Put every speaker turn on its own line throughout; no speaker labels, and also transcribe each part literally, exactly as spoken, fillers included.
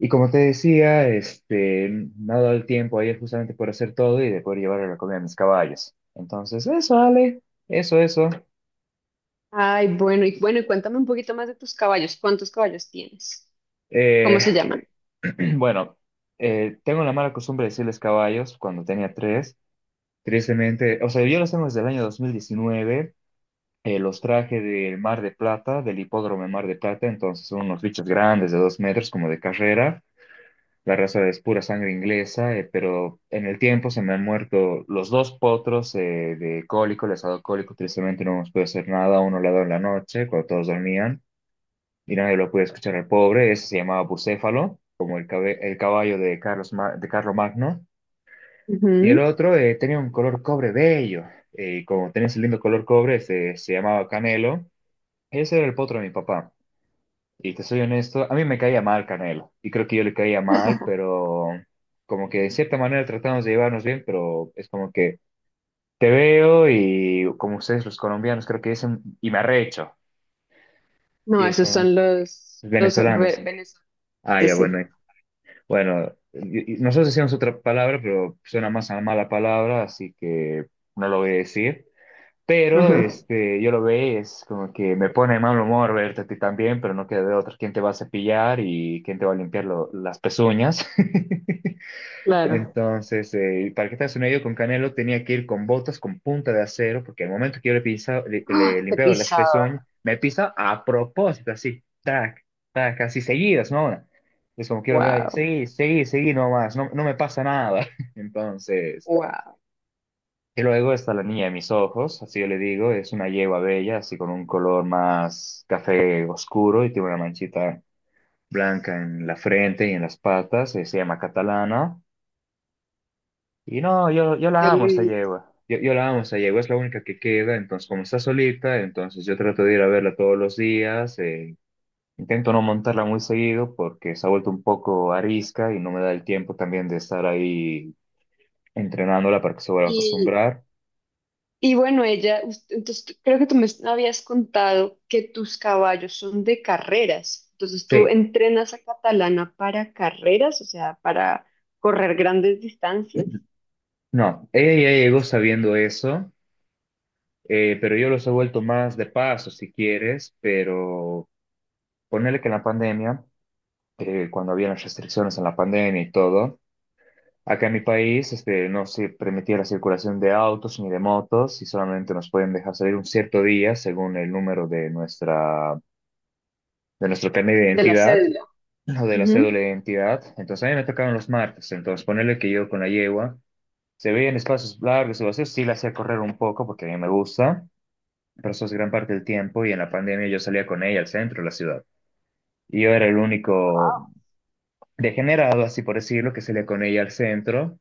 Y como te decía, este, me ha dado el tiempo ayer justamente por hacer todo y de poder llevar a la comida a mis caballos. Entonces, eso, Ale, eso, eso.
Ay, bueno, y bueno, y cuéntame un poquito más de tus caballos. ¿Cuántos caballos tienes? ¿Cómo
Eh,
se llaman?
bueno, eh, tengo la mala costumbre de decirles caballos cuando tenía tres. Tristemente, o sea, yo los tengo desde el año dos mil diecinueve. Eh, los traje del Mar de Plata, del hipódromo de Mar de Plata. Entonces, son unos bichos grandes de dos metros, como de carrera. La raza es pura sangre inglesa, eh, pero en el tiempo se me han muerto los dos potros eh, de cólico, les ha dado cólico, tristemente no nos puede hacer nada. Uno le ha dado en la noche, cuando todos dormían, y nadie lo puede escuchar al pobre. Ese se llamaba Bucéfalo, como el, cabe- el caballo de Carlos Ma- de Carlo Magno. Y el
Ujú.
otro eh, tenía un color cobre bello, eh, y como tenía ese lindo color cobre, se, se llamaba Canelo. Ese era el potro de mi papá. Y te soy honesto, a mí me caía mal Canelo, y creo que yo le caía mal, pero como que de cierta manera tratamos de llevarnos bien, pero es como que te veo y como ustedes los colombianos creo que dicen, y me arrecho, y
No,
es
esos
como
son los,
los
los ve-
venezolanos.
venezolanos.
Ah,
Sí,
ya,
sí.
bueno, eh. bueno, y- y nosotros decíamos otra palabra, pero suena más a mala palabra, así que no lo voy a decir. Pero
Ajá,
este, yo lo veo, es como que me pone de mal humor verte a ti también, pero no queda de otra. ¿Quién te va a cepillar y quién te va a limpiar lo- las pezuñas?
claro.
Entonces, eh, para que te hagas una idea, con Canelo tenía que ir con botas con punta de acero, porque al momento que yo le, pisa, le, le
¡Ah! Te
limpiaba las
pisaba.
pezuñas, me pisa a propósito, así, tac, tac, así seguidas, ¿no? Es como que yo lo veo, ahí,
Wow,
seguí, seguí, seguí nomás, no, no me pasa nada. Entonces.
wow.
Y luego está la niña de mis ojos, así yo le digo, es una yegua bella, así con un color más café oscuro y tiene una manchita blanca en la frente y en las patas, eh, se llama Catalana. Y no, yo, yo
Qué
la amo esta
bonito.
yegua, yo, yo la amo esta yegua, es la única que queda, entonces como está solita, entonces yo trato de ir a verla todos los días. Eh, intento no montarla muy seguido porque se ha vuelto un poco arisca y no me da el tiempo también de estar ahí entrenándola para que se vuelva a
Y,
acostumbrar.
y bueno, ella, us- entonces tú- creo que tú me habías contado que tus caballos son de carreras. Entonces tú
Sí.
entrenas a Catalana para carreras, o sea, para correr grandes distancias.
No, ella ya llegó sabiendo eso, eh, pero yo los he vuelto más de paso, si quieres, pero ponerle que en la pandemia, eh, cuando había las restricciones en la pandemia y todo, acá en mi país este, no se permitía la circulación de autos ni de motos y solamente nos pueden dejar salir un cierto día según el número de nuestra, de nuestro carnet de
De la
identidad
cédula.
o de la cédula
Ujú.
de identidad. Entonces a mí me tocaban los martes, entonces ponerle que yo con la yegua. Se veía en espacios largos y vacíos, sí la hacía correr un poco porque a mí me gusta, presos gran parte del tiempo y en la pandemia yo salía con ella al centro de la ciudad. Y yo era el
Ah,
único
wow.
degenerado, así por decirlo, que salía con ella al centro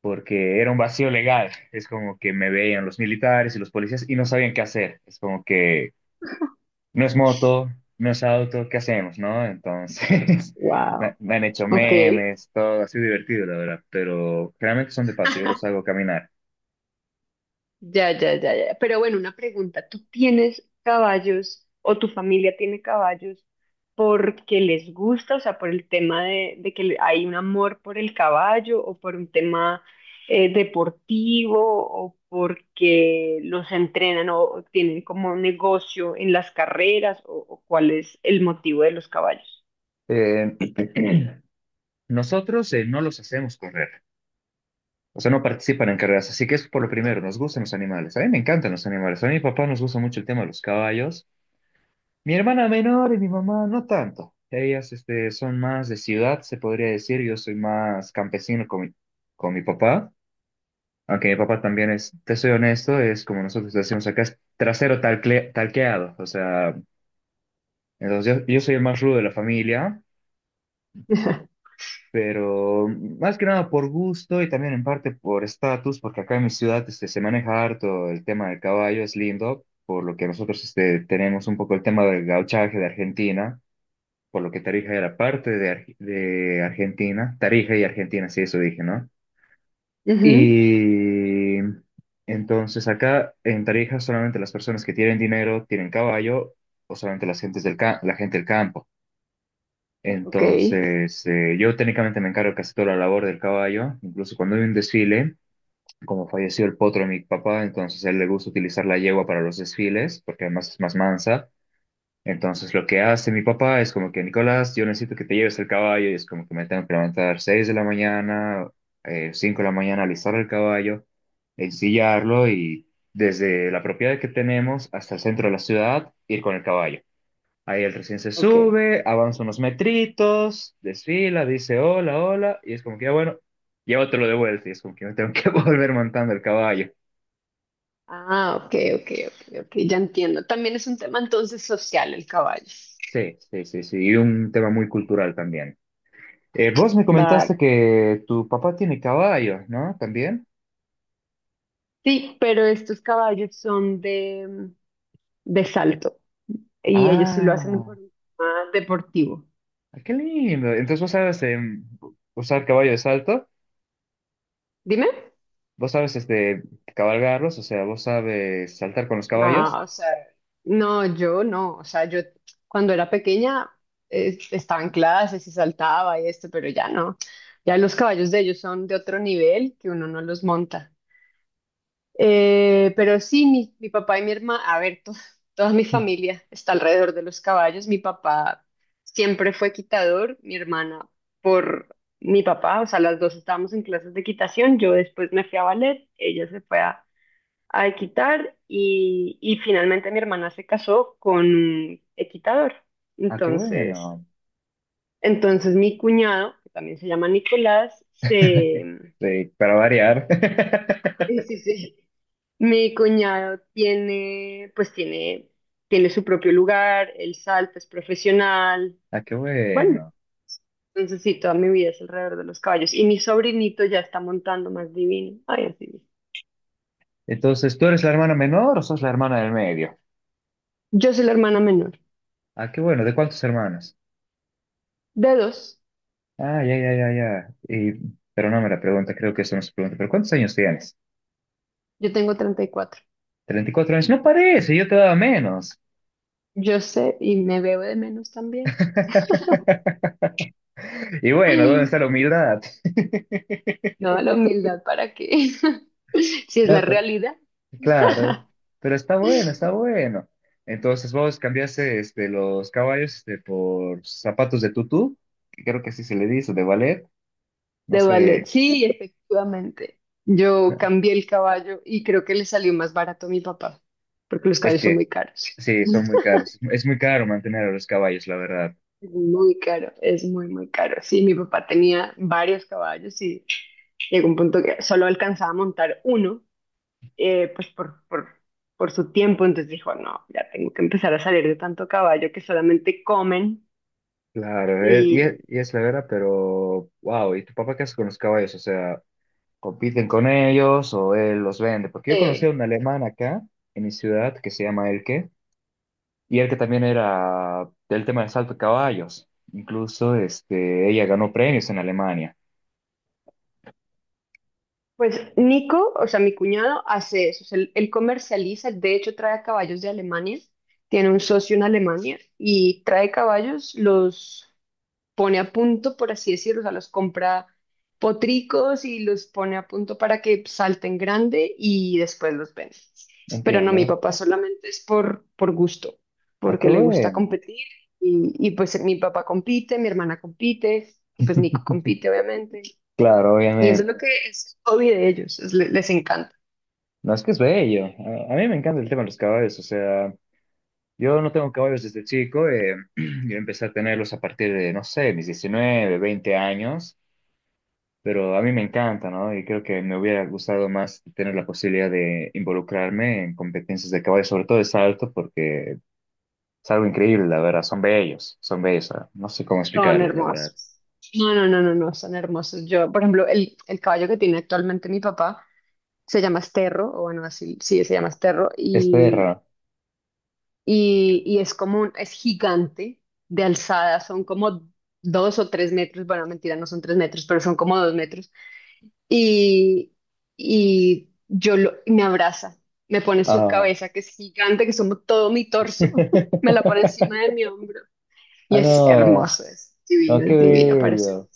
porque era un vacío legal. Es como que me veían los militares y los policías y no sabían qué hacer. Es como que no es moto, no es auto, ¿qué hacemos, no? Entonces, me,
Wow.
me han hecho
Ok.
memes, todo, ha sido divertido, la verdad, pero realmente son de paso, yo los hago caminar.
Ya, ya, ya, ya. Pero bueno, una pregunta. ¿Tú tienes caballos o tu familia tiene caballos porque les gusta, o sea, por el tema de, de que le- hay un amor por el caballo o por un tema eh, deportivo o porque los entrenan o, o tienen como un negocio en las carreras o, o cuál es el motivo de los caballos?
Eh, Nosotros eh, no los hacemos correr. O sea, no participan en carreras. Así que es por lo primero, nos gustan los animales. A mí me encantan los animales. A mí, mi papá nos gusta mucho el tema de los caballos. Mi hermana menor y mi mamá no tanto. Ellas este, son más de ciudad, se podría decir. Yo soy más campesino con mi, con mi papá. Aunque mi papá también es, te soy honesto, es como nosotros decimos acá, es trasero talcle- talqueado. O sea, entonces yo, yo soy el más rudo de la familia. Pero más que nada por gusto y también en parte por estatus, porque acá en mi ciudad este, se maneja harto el tema del caballo, es lindo, por lo que nosotros este, tenemos un poco el tema del gauchaje de Argentina, por lo que Tarija era parte de, Ar- de Argentina, Tarija y Argentina, sí, eso dije, ¿no?
Ujú.
Y entonces acá en Tarija solamente las personas que tienen dinero tienen caballo o solamente las gentes del ca- la gente del campo.
Ok,
Entonces, eh, yo técnicamente me encargo casi toda la labor del caballo, incluso cuando hay un desfile, como falleció el potro de mi papá, entonces a él le gusta utilizar la yegua para los desfiles, porque además es más mansa. Entonces, lo que hace mi papá es como que, Nicolás, yo necesito que te lleves el caballo, y es como que me tengo que levantar seis de la mañana, eh, cinco de la mañana, alistar el caballo, ensillarlo y desde la propiedad que tenemos hasta el centro de la ciudad, ir con el caballo. Ahí él recién se
ok.
sube, avanza unos metritos, desfila, dice hola, hola, y es como que, ah, bueno, llévatelo de vuelta, y es como que me tengo que volver montando el caballo.
Ah, ok, ok, ok, ok, ya entiendo. También es un tema entonces social el caballo.
Sí, sí, sí, sí, y un tema muy cultural también. Eh, vos me comentaste
Vale.
que tu papá tiene caballo, ¿no? ¿También?
Sí, pero estos caballos son de, de salto y ellos sí lo hacen
Ah,
por un tema deportivo.
qué lindo. Entonces vos sabes em, usar caballo de salto,
Dime.
vos sabes este, cabalgarlos, o sea, vos sabes saltar con los caballos.
No, o sea, no, yo no. O sea, yo cuando era pequeña eh, estaba en clases y saltaba y esto, pero ya no. Ya los caballos de ellos son de otro nivel que uno no los monta. Eh, pero sí, mi, mi papá y mi hermana, a ver, to- toda mi familia está alrededor de los caballos. Mi papá siempre fue quitador, mi hermana por mi papá, o sea, las dos estábamos en clases de quitación. Yo después me fui a ballet, ella se fue a, a equitar y, y finalmente mi hermana se casó con un equitador.
Ah, qué
Entonces,
bueno.
entonces mi cuñado, que también se llama Nicolás, se...
Sí, para variar.
Sí, sí, sí. Mi cuñado tiene, pues tiene, tiene su propio lugar, él salta, es profesional.
Ah, qué
Bueno,
bueno.
entonces sí, toda mi vida es alrededor de los caballos. Y mi sobrinito ya está montando más divino. Ay, así es.
Entonces, ¿tú eres la hermana menor o sos la hermana del medio?
Yo soy la hermana menor.
Ah, qué bueno. ¿De cuántos hermanos?
De dos,
Ah, ya, ya, ya, ya. Y- pero no me la pregunta, creo que eso no se pregunta. ¿Pero cuántos años tienes?
yo tengo treinta y cuatro.
¿Treinta y cuatro años? No parece, yo te daba menos.
Yo sé y me veo de menos también.
Y bueno, ¿dónde está la humildad?
No, la humildad, ¿para qué? Si es la
No,
realidad.
claro, pero está bueno, está bueno. Entonces vos cambiaste este, los caballos este, por zapatos de tutú, que creo que así se le dice, de ballet. No
De ballet,
sé,
sí, efectivamente. Yo
no,
cambié el caballo y creo que le salió más barato a mi papá, porque los
es
caballos son
que
muy caros.
sí, son muy caros. Es muy caro mantener a los caballos, la verdad.
Es muy caro, es muy, muy caro. Sí, mi papá tenía varios caballos y llegó un punto que solo alcanzaba a montar uno, eh, pues por, por, por su tiempo. Entonces dijo, no, ya tengo que empezar a salir de tanto caballo que solamente comen
Claro, eh, y, es,
y...
y es la verdad, pero wow, ¿y tu papá qué hace con los caballos? O sea, ¿compiten con ellos o él los vende? Porque yo conocí a
Sí.
un alemán acá, en mi ciudad, que se llama Elke y él que también era del tema del salto de caballos. Incluso este, ella ganó premios en Alemania.
Pues Nico, o sea, mi cuñado hace eso, o sea, él, él comercializa, de hecho trae caballos de Alemania, tiene un socio en Alemania y trae caballos, los pone a punto, por así decirlo, o sea, los compra potricos y los pone a punto para que salten grande y después los vende. Pero no, mi
Entiendo.
papá solamente es por, por gusto,
Ah, qué
porque le gusta
bueno.
competir y, y pues mi papá compite, mi hermana compite y pues Nico compite, obviamente.
Claro,
Y eso es
obviamente.
lo que es el hobby de ellos, es- le- les encanta.
No, es que es bello. A, a mí me encanta el tema de los caballos. O sea, yo no tengo caballos desde chico. Eh, yo empecé a tenerlos a partir de, no sé, mis diecinueve veinte años. Pero a mí me encanta, ¿no? Y creo que me hubiera gustado más tener la posibilidad de involucrarme en competencias de caballos, sobre todo de salto, porque es algo increíble, la verdad. Son bellos, son bellos. ah, No sé cómo
Son
explicarlo, la verdad.
hermosos. No, no, no, no, no, son hermosos. Yo, por ejemplo, el, el caballo que tiene actualmente mi papá se llama Esterro, o bueno, así, sí, se llama Esterro,
Es
y,
perra.
y, y es como un, es gigante de alzada, son como dos o tres metros, bueno, mentira, no son tres metros, pero son como dos metros, y, y yo lo, y me abraza, me pone su
Ah.
cabeza, que es gigante, que es como todo mi torso, me la pone encima de mi hombro. Y
Ah,
es
no.
hermoso, es
No,
divino,
qué
es divino, parece.
bello.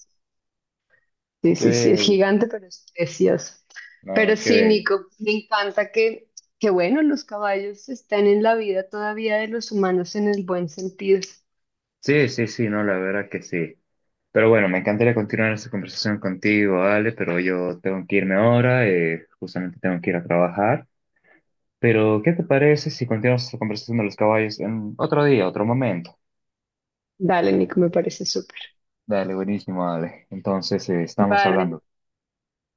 Sí,
Qué
sí, sí, es
bello.
gigante, pero es precioso. Pero
No, qué
sí,
bello.
Nico, me encanta que, que, bueno, los caballos están en la vida todavía de los humanos en el buen sentido.
Sí, sí, sí, no, la verdad que sí. Pero bueno, me encantaría continuar esta conversación contigo, Ale, pero yo tengo que irme ahora. Eh, justamente tengo que ir a trabajar. Pero, ¿qué te parece si continuamos esta conversación de los caballos en otro día, otro momento?
Dale, Nico, me parece súper.
Dale, buenísimo, Ale. Entonces, eh, estamos
Vale,
hablando.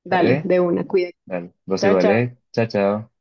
dale,
¿Dale?
de una, cuídate.
Dale, vos
Chao,
igual,
chao.
¿eh? Chao, chao.